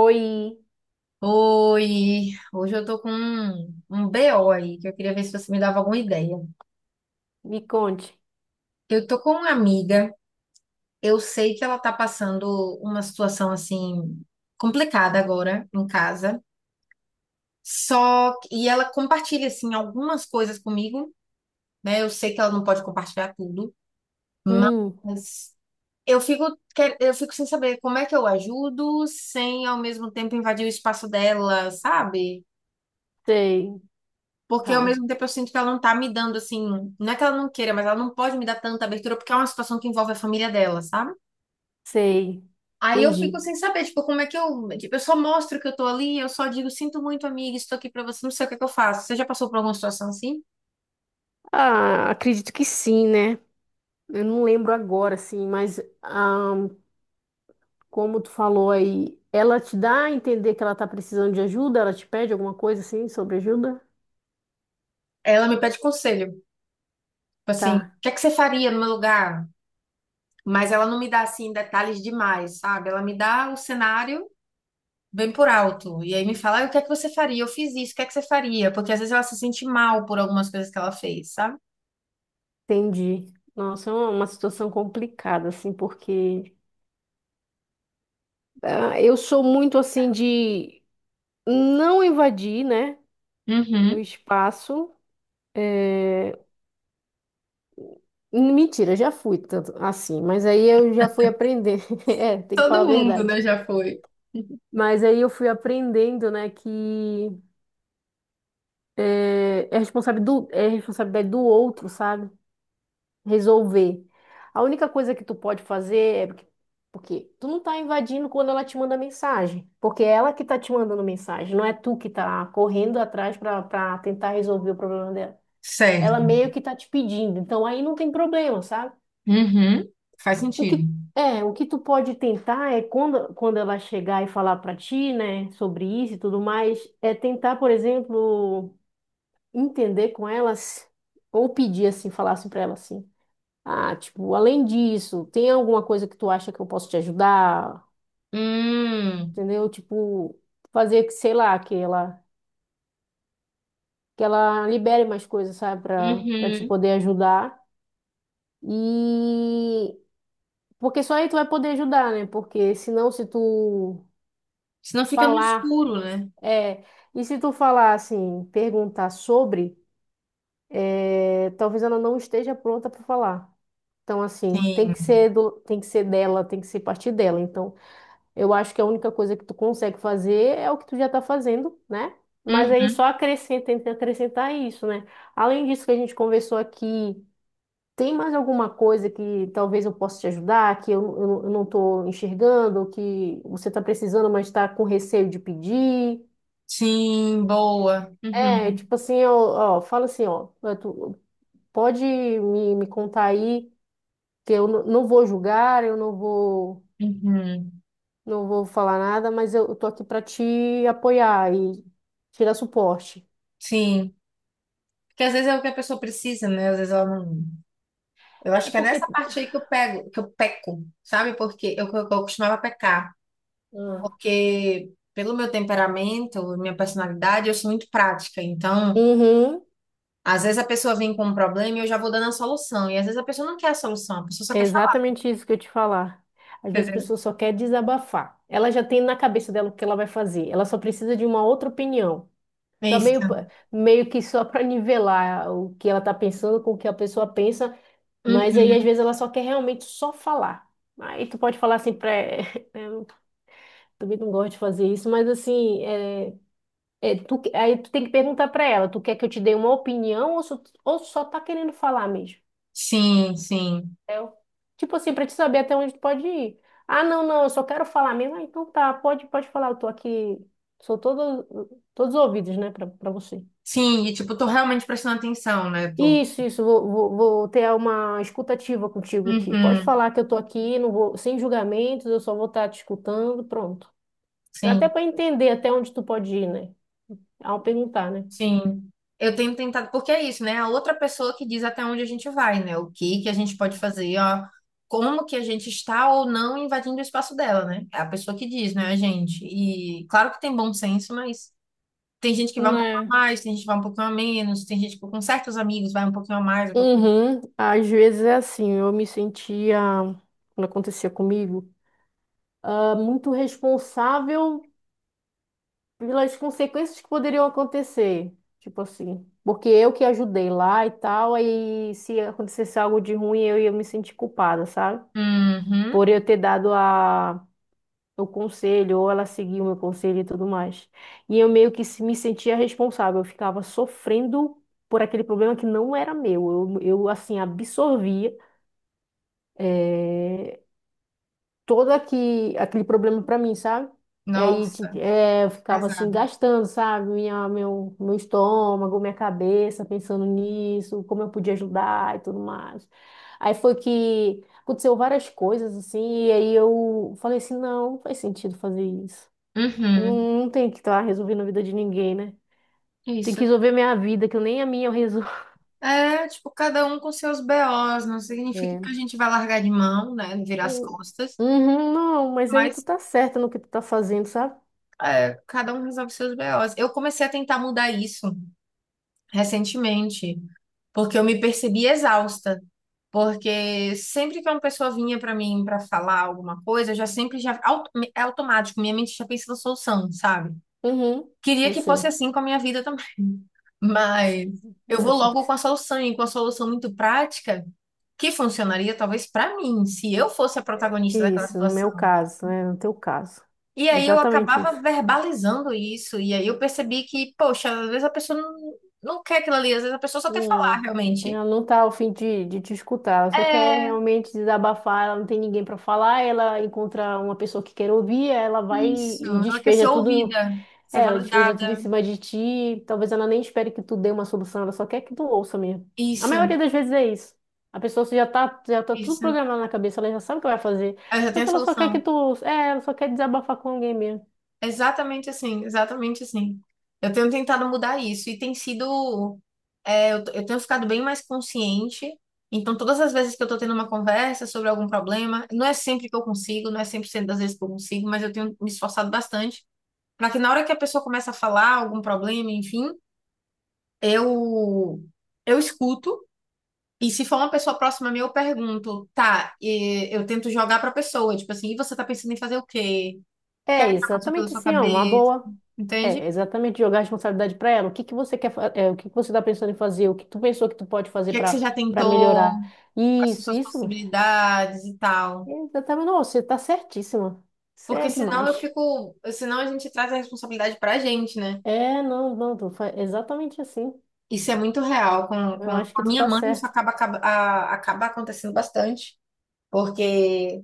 Oi, Oi, hoje eu tô com um BO aí, que eu queria ver se você me dava alguma ideia. me conte. Eu tô com uma amiga, eu sei que ela tá passando uma situação assim complicada agora em casa. Só que, e ela compartilha assim algumas coisas comigo, né? Eu sei que ela não pode compartilhar tudo, Hum, mas eu fico eu fico sem saber como é que eu ajudo sem ao mesmo tempo invadir o espaço dela, sabe? sei, Porque ao tá, mesmo tempo eu sinto que ela não tá me dando assim, não é que ela não queira, mas ela não pode me dar tanta abertura porque é uma situação que envolve a família dela, sabe? sei, Aí eu fico entendi. sem saber, tipo, como é que eu, tipo, eu só mostro que eu tô ali, eu só digo, sinto muito, amiga, estou aqui pra você, não sei o que é que eu faço. Você já passou por alguma situação assim? Ah, acredito que sim, né? Eu não lembro agora, assim, mas como tu falou aí, ela te dá a entender que ela tá precisando de ajuda? Ela te pede alguma coisa assim sobre ajuda? Ela me pede conselho, tipo assim, o Tá, que é que você faria no meu lugar? Mas ela não me dá assim detalhes demais, sabe? Ela me dá o cenário bem por alto e aí me fala, "Ah, o que é que você faria? Eu fiz isso, o que é que você faria? Porque às vezes ela se sente mal por algumas coisas que ela fez, sabe? entendi. Nossa, é uma situação complicada, assim, porque eu sou muito assim de não invadir, né, o Uhum. espaço. eh, Mentira, já fui tanto assim, mas aí eu já fui aprender. É, tem que falar a Todo mundo, verdade. né, já foi. Mas aí eu fui aprendendo, né, que é responsável é responsabilidade do outro, sabe? Resolver. A única coisa que tu pode fazer é porque tu não tá invadindo quando ela te manda mensagem, porque é ela que tá te mandando mensagem, não é tu que tá correndo atrás pra para tentar resolver o problema dela. Ela Certo. meio que tá te pedindo, então aí não tem problema, sabe? Uhum. Faz O sentido. que, é, o que tu pode tentar é quando ela chegar e falar para ti, né, sobre isso e tudo mais, é tentar, por exemplo, entender com elas ou pedir assim, falar assim para ela assim: "Ah, tipo, além disso, tem alguma coisa que tu acha que eu posso te ajudar?" Hum. Entendeu? Tipo, fazer que, sei lá, que ela libere mais coisas, sabe, para te Uhum. poder ajudar. E porque só aí tu vai poder ajudar, né? Porque senão se tu Senão fica no falar escuro, né? É, e se tu falar assim, é, talvez ela não esteja pronta para falar. Então, assim, Sim. Tem que ser dela, tem que ser partir dela. Então, eu acho que a única coisa que tu consegue fazer é o que tu já tá fazendo, né? Mas aí Uhum. só acrescenta, tenta acrescentar isso, né? Além disso que a gente conversou aqui, tem mais alguma coisa que talvez eu possa te ajudar, eu não tô enxergando, que você tá precisando, mas tá com receio de pedir? Sim, boa. É, Uhum. tipo assim, eu, ó, fala assim, ó, tu pode me contar aí que eu não vou julgar, eu não vou, Uhum. não vou falar nada, mas eu tô aqui pra te apoiar e te dar suporte. Sim. Porque às vezes é o que a pessoa precisa, né? Às vezes ela não. Eu acho É que é porque nessa parte aí que eu pego, que eu peco, sabe? Porque eu costumava pecar. Ah. Porque pelo meu temperamento, minha personalidade, eu sou muito prática. Então. Uhum, Às vezes a pessoa vem com um problema e eu já vou dando a solução. E às vezes a pessoa não quer a solução, a pessoa só é quer falar. exatamente isso que eu te falar. Às vezes a Entendeu? pessoa só quer desabafar. Ela já tem na cabeça dela o que ela vai fazer. Ela só precisa de uma outra opinião. É Só isso. meio, meio que só para nivelar o que ela está pensando com o que a pessoa pensa. Mas aí, Uhum. às vezes, ela só quer realmente só falar. Aí tu pode falar assim pra... Eu também não gosto de fazer isso, mas assim, aí tu tem que perguntar pra ela, tu quer que eu te dê uma opinião ou só tá querendo falar mesmo? Sim, sim. Entendeu? Tipo assim, pra te saber até onde tu pode ir. Ah, não, não, eu só quero falar mesmo. Ah, então tá, pode falar, eu tô aqui, sou todo, todos os ouvidos, né, pra você. Sim, e tipo, tô realmente prestando atenção, né? Tô... Isso, vou ter uma escutativa contigo aqui. Pode Uhum. falar que eu tô aqui, sem julgamentos, eu só vou estar te escutando, pronto. Até Sim, para entender até onde tu pode ir, né? Ao perguntar, né? sim. Eu tenho tentado, porque é isso, né? A outra pessoa que diz até onde a gente vai, né? O que que a gente pode fazer, ó. Como que a gente está ou não invadindo o espaço dela, né? É a pessoa que diz, né, a gente? E claro que tem bom senso, mas tem gente que vai um pouco a Né? mais, tem gente que vai um pouquinho a menos, tem gente que com certos amigos vai um pouquinho a mais, um pouquinho. Uhum. Às vezes é assim, quando acontecia comigo, muito responsável pelas consequências que poderiam acontecer. Tipo assim, porque eu que ajudei lá e tal, aí se acontecesse algo de ruim, eu ia me sentir culpada, sabe? Uhum. Por eu ter dado a, o conselho, ou ela seguiu o meu conselho e tudo mais. E eu meio que me sentia responsável, eu ficava sofrendo por aquele problema que não era meu. Eu assim, absorvia, eh, aquele problema pra mim, sabe? E aí Nossa, é, eu ficava assim, pesado. gastando, sabe? Meu estômago, minha cabeça, pensando nisso, como eu podia ajudar e tudo mais. Aí foi que aconteceu várias coisas, assim, e aí eu falei assim, não faz sentido fazer isso. Eu Uhum. não, não tenho que estar resolvendo a vida de ninguém, né? Tem que Isso. resolver minha vida, que nem a minha eu resolvo. É, tipo, cada um com seus BOs, não significa É. que a gente vai largar de mão, né, virar as Hum, costas, uhum, não, mas aí tu mas tá certa no que tu tá fazendo, sabe? é, cada um resolve seus BOs. Eu comecei a tentar mudar isso recentemente, porque eu me percebi exausta. Porque sempre que uma pessoa vinha para mim para falar alguma coisa, eu já sempre já auto- é automático, minha mente já pensa na solução, sabe? Uhum, Queria eu que fosse sei. assim com a minha vida também, mas É eu vou é sempre logo com assim. a solução e com a solução muito prática que funcionaria talvez para mim, se eu fosse a protagonista daquela Isso, no situação. meu caso, né? No teu caso. E aí eu Exatamente isso. acabava verbalizando isso e aí eu percebi que, poxa, às vezes a pessoa não, não quer aquilo ali, às vezes a pessoa só quer falar Hum, realmente. ela não tá ao fim de te escutar, ela só quer É realmente desabafar, ela não tem ninguém para falar, ela encontra uma pessoa que quer ouvir, ela vai isso, e ela quer ser despeja tudo, ouvida, ser é, ela despeja tudo em validada. cima de ti, talvez ela nem espere que tu dê uma solução, ela só quer que tu ouça mesmo. A Isso, maioria das vezes é isso. A pessoa já tá tudo isso. programado na cabeça, ela já sabe o que vai fazer, Eu já só tenho a que ela só quer que solução. É, ela só quer desabafar com alguém mesmo. Exatamente assim, exatamente assim. Eu tenho tentado mudar isso e tem sido. É, eu tenho ficado bem mais consciente. Então, todas as vezes que eu tô tendo uma conversa sobre algum problema, não é sempre que eu consigo, não é 100% das vezes que eu consigo, mas eu tenho me esforçado bastante para que na hora que a pessoa começa a falar algum problema, enfim, eu, eu escuto. E se for uma pessoa próxima a mim, eu pergunto, tá, e eu tento jogar pra pessoa, tipo assim, e você tá pensando em fazer o quê? O que é É que já passou pela exatamente sua assim, ó, uma cabeça, boa. entende? O É, exatamente, jogar a responsabilidade para ela. O que que você quer, é, o que que você está pensando em fazer? O que tu pensou que tu pode fazer que é que você já para tentou, melhorar? quais são Isso, suas isso. possibilidades e tal. É, exatamente, não, você tá certíssima. Você Porque é senão eu demais. fico, senão a gente traz a responsabilidade pra gente, né? É, não, não, tu exatamente assim. Isso é muito real. Com Eu a acho que tu minha tá mãe, isso certo. acaba acontecendo bastante. Porque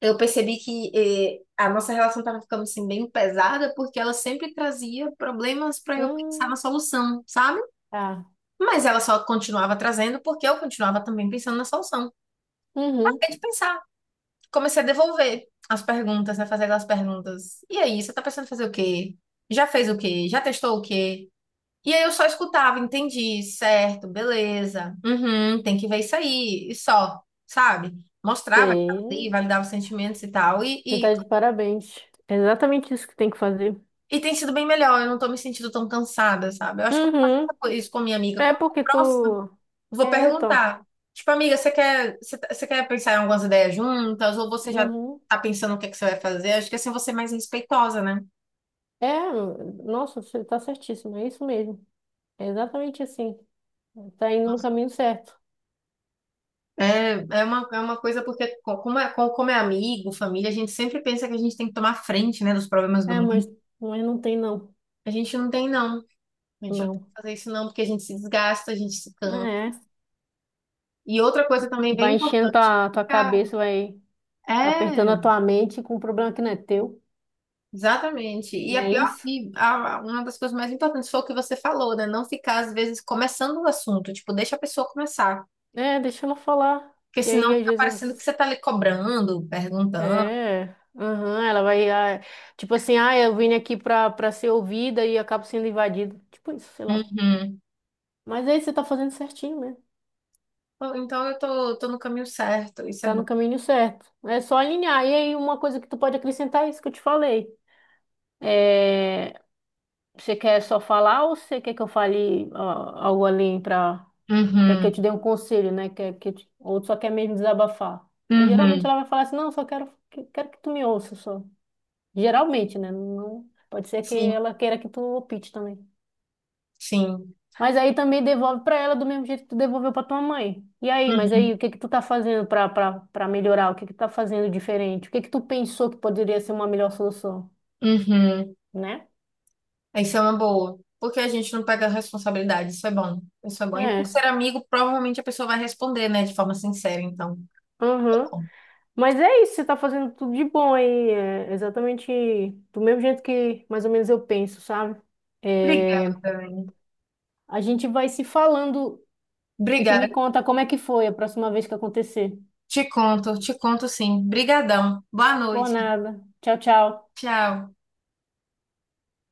eu percebi que eh, a nossa relação estava ficando assim, bem pesada, porque ela sempre trazia problemas para eu pensar Hum, na solução, sabe? tá. Mas ela só continuava trazendo porque eu continuava também pensando na solução. Uhum. É de pensar. Comecei a devolver as perguntas, né? Fazer aquelas perguntas. E aí, você tá pensando em fazer o quê? Já fez o quê? Já testou o quê? E aí eu só escutava, entendi, certo, beleza. Uhum, tem que ver isso aí. E só, sabe? Mostrava que tava ali, Sei. validava os sentimentos e tal. E, Você e, tá de parabéns. É exatamente isso que tem que fazer. e tem sido bem melhor, eu não tô me sentindo tão cansada, sabe? Eu acho que eu vou Uhum. fazer isso com a minha amiga. É Como é porque próximo. tu Vou tô. perguntar. Tipo, amiga, você quer, você, você quer pensar em algumas ideias juntas? Ou você já Uhum. tá pensando o que é que você vai fazer? Acho que assim você é mais respeitosa, né? É, nossa, você tá certíssima. É isso mesmo. É exatamente assim. Tá indo no caminho certo. É, é uma coisa porque, como é amigo, família, a gente sempre pensa que a gente tem que tomar frente, né, dos problemas do É, mundo. Mas não tem não. A gente não tem, não. A gente não tem Não. que fazer isso, não, porque a gente se desgasta, a gente se cansa. É. E outra coisa também bem Vai enchendo importante, tua ficar. cabeça, vai apertando É. a tua mente com um problema que não é teu. Exatamente. E Não a é pior, isso? Uma das coisas mais importantes foi o que você falou, né? Não ficar, às vezes, começando o assunto. Tipo, deixa a pessoa começar. É, deixa ela falar. Porque Que aí senão às fica parecendo que vezes. você tá ali cobrando, perguntando. É. Aham, ela vai. Tipo assim, ah, eu vim aqui pra ser ouvida e acabo sendo invadida. Tipo isso, sei lá. Uhum. Mas aí você tá fazendo certinho, né? Pô, então eu tô no caminho certo, isso é Tá bom. no caminho certo. É só alinhar. E aí uma coisa que tu pode acrescentar é isso que eu te falei. É, você quer só falar ou você quer que eu fale algo além pra. Quer que eu te Uhum. dê um conselho, né? Quer que eu ou só quer mesmo desabafar? E geralmente Uhum. ela vai falar assim, não, só quero que tu me ouça só. Geralmente, né? Não... Pode ser que Sim, ela queira que tu opte também. sim. Mas aí também devolve pra ela do mesmo jeito que tu devolveu pra tua mãe. E aí, mas Uhum. aí, o que que tu tá fazendo pra melhorar? O que que tu tá fazendo diferente? O que que tu pensou que poderia ser uma melhor solução, Uhum. né? Isso é uma boa. Porque a gente não pega responsabilidade, isso é bom. Isso é bom. E por É. ser amigo, provavelmente a pessoa vai responder, né? De forma sincera, então. Uhum. Bom. Mas é isso, você tá fazendo tudo de bom aí, é exatamente do mesmo jeito que mais ou menos eu penso, sabe? Obrigada, É, Anne. a gente vai se falando e tu Obrigada. me conta como é que foi a próxima vez que acontecer. Te conto sim. Brigadão. Boa Boa noite. nada. Tchau, tchau. Tchau.